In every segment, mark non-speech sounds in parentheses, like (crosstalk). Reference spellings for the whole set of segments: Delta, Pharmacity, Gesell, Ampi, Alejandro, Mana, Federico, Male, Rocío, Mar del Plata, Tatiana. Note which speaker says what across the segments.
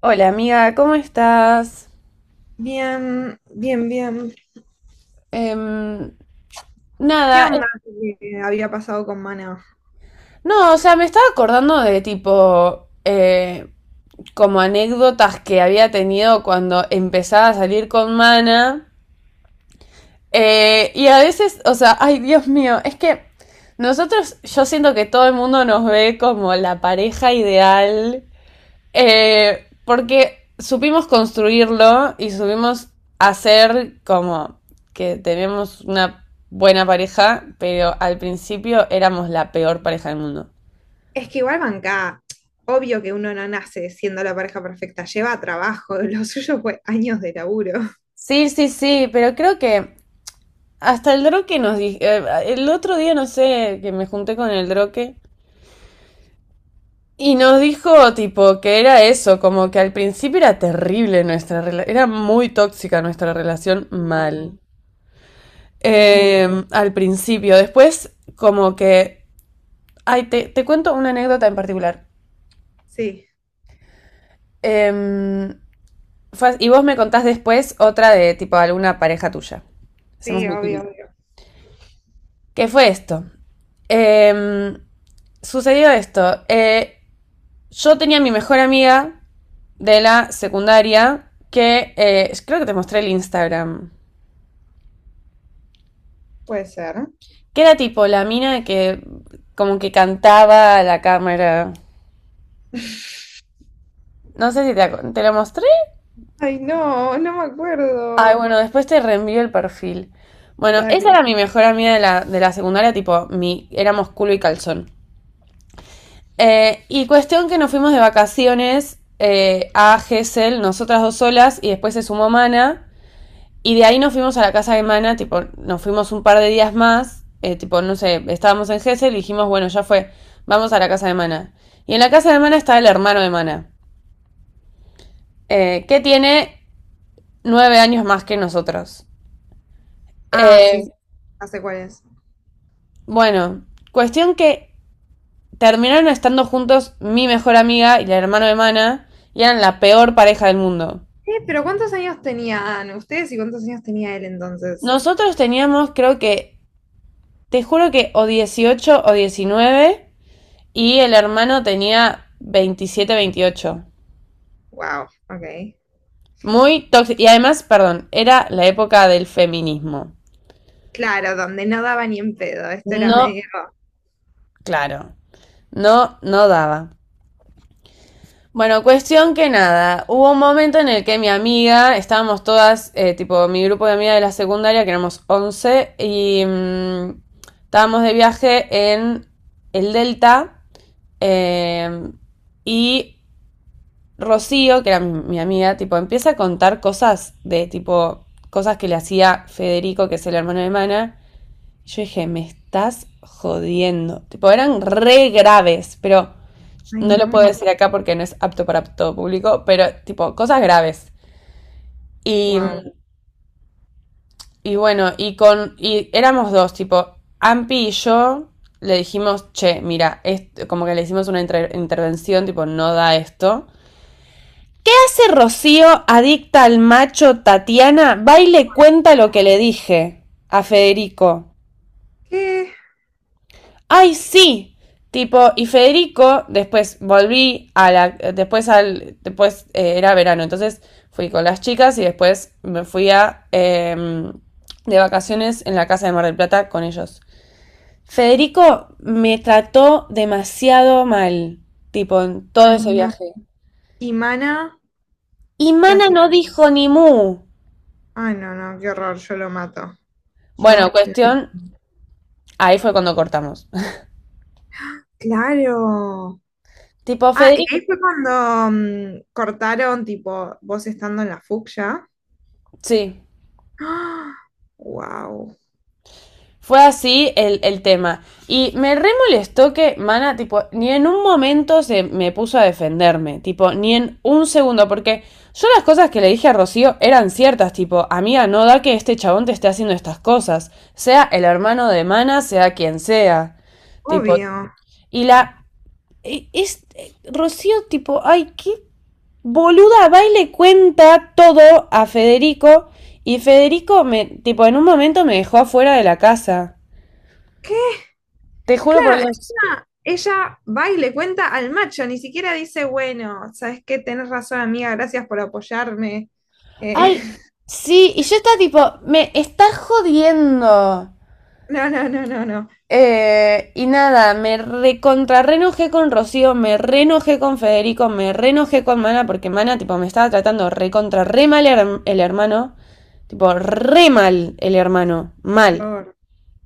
Speaker 1: Hola amiga, ¿cómo estás?
Speaker 2: Bien, bien, bien.
Speaker 1: Em, nada,
Speaker 2: ¿Qué onda que había pasado con Mana?
Speaker 1: no, o sea, me estaba acordando de tipo, como anécdotas que había tenido cuando empezaba a salir con Mana. Y a veces, o sea, ay Dios mío, es que nosotros, yo siento que todo el mundo nos ve como la pareja ideal. Porque supimos construirlo y supimos hacer como que tenemos una buena pareja, pero al principio éramos la peor pareja del mundo.
Speaker 2: Es que igual banca, obvio que uno no nace siendo la pareja perfecta, lleva trabajo, (laughs) lo suyo fue años de laburo.
Speaker 1: Sí, sí, sí, pero creo que hasta el droque nos dijo, el otro día no sé, que me junté con el droque y nos dijo tipo que era eso, como que al principio era terrible nuestra relación, era muy tóxica nuestra relación mal.
Speaker 2: Wow, wow, wow.
Speaker 1: Al principio, después como que ay, te cuento una anécdota en particular.
Speaker 2: Sí,
Speaker 1: Em, y vos me contás después otra de tipo alguna pareja tuya. Hacemos
Speaker 2: sí, obvio,
Speaker 1: meeting.
Speaker 2: obvio.
Speaker 1: ¿Qué fue esto? Em, sucedió esto. Yo tenía mi mejor amiga de la secundaria que creo que te mostré el Instagram.
Speaker 2: Puede ser.
Speaker 1: Que era tipo la mina que como que cantaba a la cámara. No sé si te lo mostré.
Speaker 2: Ay, no, no me
Speaker 1: Ay,
Speaker 2: acuerdo.
Speaker 1: bueno, después te reenvío el perfil. Bueno, esa
Speaker 2: Dale.
Speaker 1: era mi mejor amiga de de la secundaria, tipo, mi, éramos culo y calzón. Y cuestión que nos fuimos de vacaciones a Gesell, nosotras dos solas, y después se sumó Mana. Y de ahí nos fuimos a la casa de Mana, tipo, nos fuimos un par de días más, tipo, no sé, estábamos en Gesell y dijimos, bueno, ya fue, vamos a la casa de Mana. Y en la casa de Mana está el hermano de Mana, que tiene 9 años más que nosotros.
Speaker 2: Ah, sí,
Speaker 1: Eh,
Speaker 2: sí, ya sé cuál es.
Speaker 1: Bueno, cuestión que terminaron estando juntos mi mejor amiga y la hermana de Mana y eran la peor pareja del mundo.
Speaker 2: Pero ¿cuántos años tenían ustedes y cuántos años tenía él entonces?
Speaker 1: Nosotros teníamos, creo que, te juro que o 18 o 19 y el hermano tenía 27 28.
Speaker 2: Wow, ok.
Speaker 1: Muy tóxico. Y además, perdón, era la época del feminismo.
Speaker 2: Claro, donde no daba ni en pedo, esto era
Speaker 1: No,
Speaker 2: medio...
Speaker 1: claro, no, no daba. Bueno, cuestión que nada, hubo un momento en el que mi amiga, estábamos todas, tipo mi grupo de amigas de la secundaria, que éramos 11 y estábamos de viaje en el Delta, eh, y Rocío, que era mi amiga, tipo empieza a contar cosas de tipo, cosas que le hacía Federico, que es el hermano de Mana, y yo dije, me estás jodiendo, tipo eran re graves, pero...
Speaker 2: Ay,
Speaker 1: No lo puedo
Speaker 2: no.
Speaker 1: decir acá porque no es apto para todo público, pero tipo, cosas graves. Y,
Speaker 2: Wow.
Speaker 1: y bueno, y con. Y éramos dos, tipo, Ampi y yo le dijimos, che, mira, esto, como que le hicimos una intervención, tipo, no da esto. ¿Qué hace Rocío, adicta al macho Tatiana? Va y le cuenta lo que le dije a Federico.
Speaker 2: ¿Qué?
Speaker 1: ¡Ay, sí! Tipo, y Federico, después volví a la, después al, después era verano, entonces fui con las chicas y después me fui a, de vacaciones en la casa de Mar del Plata con ellos. Federico me trató demasiado mal, tipo, en todo
Speaker 2: Ay,
Speaker 1: ese
Speaker 2: no.
Speaker 1: viaje.
Speaker 2: ¿Y Mana?
Speaker 1: Y
Speaker 2: ¿Qué
Speaker 1: Mana no
Speaker 2: hacía?
Speaker 1: dijo ni mu.
Speaker 2: Ay, no, no, qué horror, yo lo mato.
Speaker 1: Bueno,
Speaker 2: Yo. Lo-
Speaker 1: cuestión, ahí fue cuando cortamos. (laughs)
Speaker 2: Claro.
Speaker 1: Tipo,
Speaker 2: Ah, y
Speaker 1: Federico,
Speaker 2: ahí fue cuando cortaron, tipo, vos estando en la fucsia.
Speaker 1: sí.
Speaker 2: ¡Ah! Wow.
Speaker 1: Fue así el tema. Y me re molestó que Mana, tipo, ni en un momento se me puso a defenderme. Tipo, ni en un segundo. Porque yo las cosas que le dije a Rocío eran ciertas. Tipo, amiga, no da que este chabón te esté haciendo estas cosas. Sea el hermano de Mana, sea quien sea. Tipo,
Speaker 2: Obvio.
Speaker 1: y la. Es, Rocío, tipo, ay, qué boluda, va y le cuenta todo a Federico. Y Federico, tipo, en un momento me dejó afuera de la casa.
Speaker 2: ¿Qué?
Speaker 1: Te juro por
Speaker 2: Claro,
Speaker 1: Dios.
Speaker 2: encima ella va y le cuenta al macho, ni siquiera dice, bueno, ¿sabes qué? Tenés razón, amiga, gracias por apoyarme. Eh,
Speaker 1: Ay, sí, y yo estaba tipo, me está jodiendo.
Speaker 2: (laughs) no, no, no, no, no.
Speaker 1: Y nada, me recontra reenojé con Rocío, me reenojé con Federico, me reenojé con Mana, porque Mana, tipo, me estaba tratando recontra re mal el hermano. Tipo, re mal el hermano, mal.
Speaker 2: Por-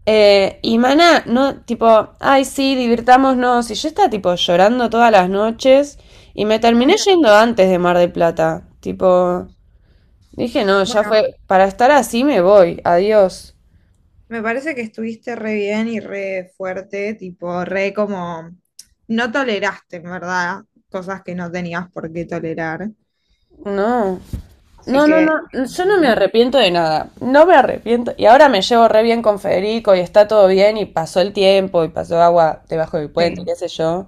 Speaker 1: Y Mana, no, tipo, ay, sí, divirtámonos. Y yo estaba, tipo, llorando todas las noches. Y me terminé
Speaker 2: Claro.
Speaker 1: yendo antes de Mar del Plata. Tipo, dije, no, ya
Speaker 2: Bueno,
Speaker 1: fue, para estar así me voy, adiós.
Speaker 2: me parece que estuviste re bien y re fuerte, tipo, re como, no toleraste, en verdad, cosas que no tenías por qué tolerar.
Speaker 1: No,
Speaker 2: Así
Speaker 1: no, no,
Speaker 2: que,
Speaker 1: no, yo no me
Speaker 2: ¿no?
Speaker 1: arrepiento de nada, no me arrepiento. Y ahora me llevo re bien con Federico y está todo bien y pasó el tiempo y pasó agua debajo del puente,
Speaker 2: Sí,
Speaker 1: qué sé yo.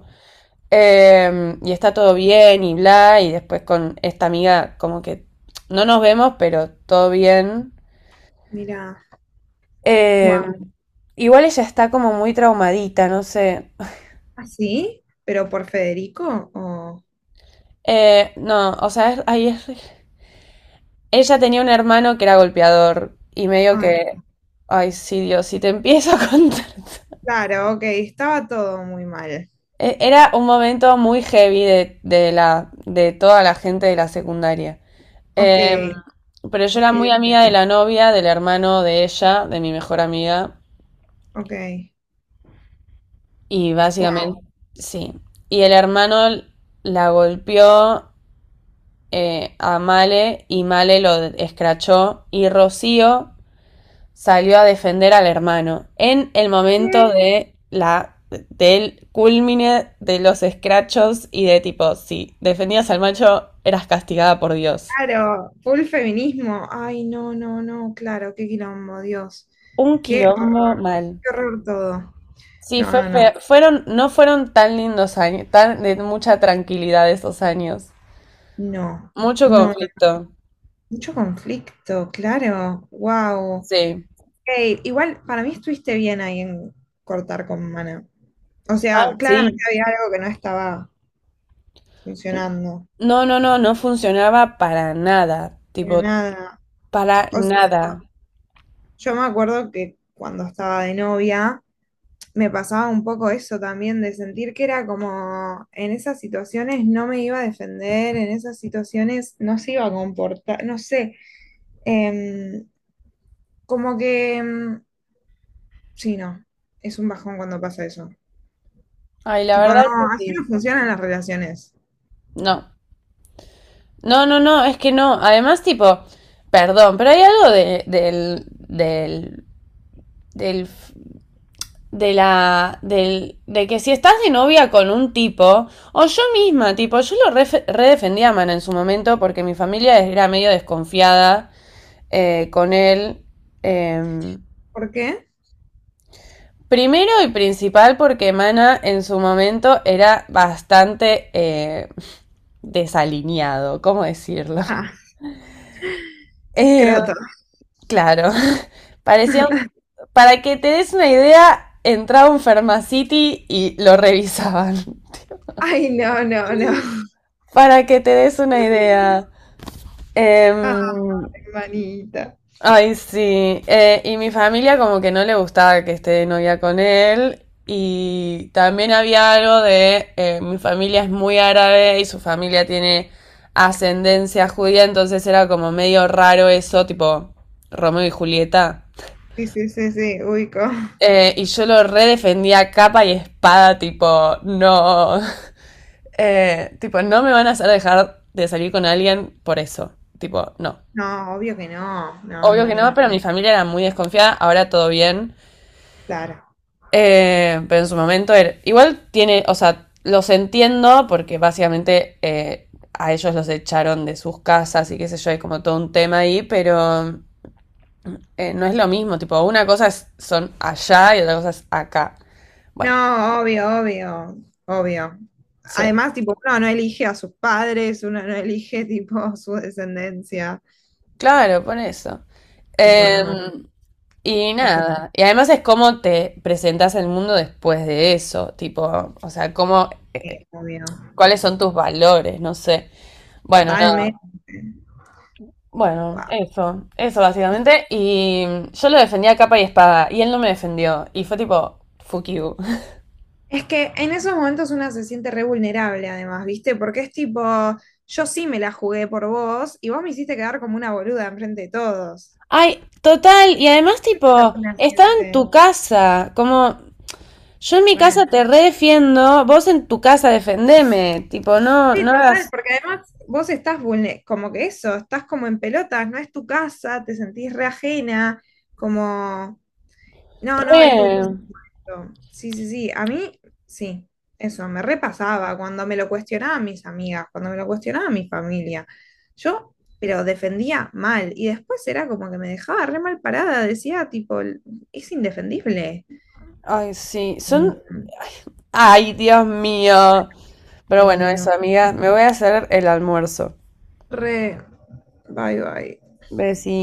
Speaker 1: Y está todo bien y bla, y después con esta amiga como que no nos vemos, pero todo bien.
Speaker 2: mira,
Speaker 1: Eh,
Speaker 2: wow.
Speaker 1: Igual ella está como muy traumadita, no sé.
Speaker 2: ¿Así? ¿Pero por Federico? O...
Speaker 1: No, o sea, ahí es ella tenía un hermano que era golpeador y medio
Speaker 2: Ay,
Speaker 1: que, ay, sí, Dios, si te empiezo a contar.
Speaker 2: claro, ok, estaba todo muy mal.
Speaker 1: Era un momento muy heavy de de toda la gente de la secundaria.
Speaker 2: Ok,
Speaker 1: Em, pero yo era
Speaker 2: ok,
Speaker 1: muy amiga de la novia, del hermano de ella, de mi mejor amiga,
Speaker 2: ok, ok.
Speaker 1: y
Speaker 2: Wow.
Speaker 1: básicamente, sí. Y el hermano la golpeó a Male y Male lo escrachó y Rocío salió a defender al hermano en el momento de la del culmine de los escrachos y de tipo, si defendías al macho, eras castigada por Dios.
Speaker 2: Claro, full feminismo. Ay, no, no, no, claro, qué quilombo, Dios.
Speaker 1: Un
Speaker 2: Qué
Speaker 1: quilombo
Speaker 2: horror,
Speaker 1: mal.
Speaker 2: qué horror todo.
Speaker 1: Sí,
Speaker 2: No,
Speaker 1: fue
Speaker 2: no,
Speaker 1: feo.
Speaker 2: no,
Speaker 1: Fueron, no fueron tan lindos años, tan de mucha tranquilidad esos años.
Speaker 2: no,
Speaker 1: Mucho
Speaker 2: no, no.
Speaker 1: conflicto.
Speaker 2: Mucho conflicto, claro, wow.
Speaker 1: Sí.
Speaker 2: Igual para mí estuviste bien ahí en cortar con Mana. O
Speaker 1: Ah,
Speaker 2: sea, claramente
Speaker 1: sí.
Speaker 2: había algo que no estaba funcionando,
Speaker 1: No, no, no, no funcionaba para nada.
Speaker 2: pero
Speaker 1: Tipo,
Speaker 2: nada.
Speaker 1: para
Speaker 2: O sea,
Speaker 1: nada.
Speaker 2: yo me acuerdo que cuando estaba de novia, me pasaba un poco eso también, de sentir que era como en esas situaciones no me iba a defender, en esas situaciones no se iba a comportar, no sé, em, como que, em, sí, no, es un bajón cuando pasa eso.
Speaker 1: Ay, la
Speaker 2: Tipo,
Speaker 1: verdad
Speaker 2: no,
Speaker 1: es que
Speaker 2: así no
Speaker 1: sí.
Speaker 2: funcionan las relaciones.
Speaker 1: No. No, no, no, es que no. Además, tipo, perdón, pero hay algo del, de del, de que si estás de novia con un tipo, o yo misma, tipo, yo lo redefendí a Mana en su momento porque mi familia era medio desconfiada con él. eh,
Speaker 2: ¿Por qué?
Speaker 1: Primero y principal porque Mana en su momento era bastante desalineado, ¿cómo decirlo? (laughs)
Speaker 2: Ah, (laughs)
Speaker 1: Eh,
Speaker 2: croto.
Speaker 1: claro, parecía un... Para que te des una idea, entraba un Pharmacity y lo revisaban. (laughs)
Speaker 2: Ay, no, no, no. (laughs)
Speaker 1: Para que te des una idea.
Speaker 2: Ah,
Speaker 1: Em,
Speaker 2: hermanita.
Speaker 1: ay, sí. Y mi familia como que no le gustaba que esté de novia con él. Y también había algo de, mi familia es muy árabe y su familia tiene ascendencia judía, entonces era como medio raro eso, tipo Romeo y Julieta.
Speaker 2: Sí, sí, sí, sí, ubico.
Speaker 1: Y yo lo redefendía a capa y espada, tipo, no. (laughs) Tipo, no me van a hacer dejar de salir con alguien por eso. Tipo, no.
Speaker 2: No, obvio que no, no,
Speaker 1: Obvio
Speaker 2: no,
Speaker 1: que no,
Speaker 2: no,
Speaker 1: pero mi familia era muy desconfiada, ahora todo bien.
Speaker 2: claro.
Speaker 1: Pero en su momento era... Igual tiene, o sea, los entiendo porque básicamente a ellos los echaron de sus casas y qué sé yo, hay como todo un tema ahí, pero no es lo mismo, tipo, una cosa es, son allá y otra cosa es acá. Bueno,
Speaker 2: No, obvio, obvio, obvio.
Speaker 1: sí,
Speaker 2: Además, tipo, uno no elige a sus padres, uno no elige, (laughs) tipo, su descendencia.
Speaker 1: claro, por eso.
Speaker 2: Tipo, no.
Speaker 1: Em, y
Speaker 2: Ok,
Speaker 1: nada, y además es cómo te presentas al mundo después de eso, tipo, o sea, cómo,
Speaker 2: obvio.
Speaker 1: cuáles son tus valores, no sé. Bueno, nada,
Speaker 2: Totalmente.
Speaker 1: bueno,
Speaker 2: Wow.
Speaker 1: eso básicamente. Y yo lo defendía a capa y espada, y él no me defendió, y fue tipo, fuck you. (laughs)
Speaker 2: Es que en esos momentos una se siente re vulnerable, además, ¿viste? Porque es tipo, yo sí me la jugué por vos y vos me hiciste quedar como una boluda enfrente de todos.
Speaker 1: Ay, total, y además,
Speaker 2: ¿Qué es
Speaker 1: tipo,
Speaker 2: una
Speaker 1: estaba en
Speaker 2: siente?
Speaker 1: tu casa, como, yo en mi casa
Speaker 2: Re.
Speaker 1: te redefiendo, vos en tu casa defendeme, tipo, no,
Speaker 2: Sí,
Speaker 1: no hagas
Speaker 2: total, porque además vos estás vulne- como que eso, estás como en pelotas, no es tu casa, te sentís re ajena, como, no, no, es
Speaker 1: re.
Speaker 2: durísimo. Sí, sí, sí, a mí, sí, eso, me repasaba cuando me lo cuestionaban mis amigas, cuando me lo cuestionaba mi familia. Yo, pero defendía mal, y después era como que me dejaba re mal parada, decía, tipo, es indefendible.
Speaker 1: Ay, sí,
Speaker 2: Y,
Speaker 1: son... Ay, Dios mío. Pero bueno,
Speaker 2: y yo,
Speaker 1: eso, amiga, me voy a hacer el almuerzo.
Speaker 2: re, bye, bye.
Speaker 1: Besí.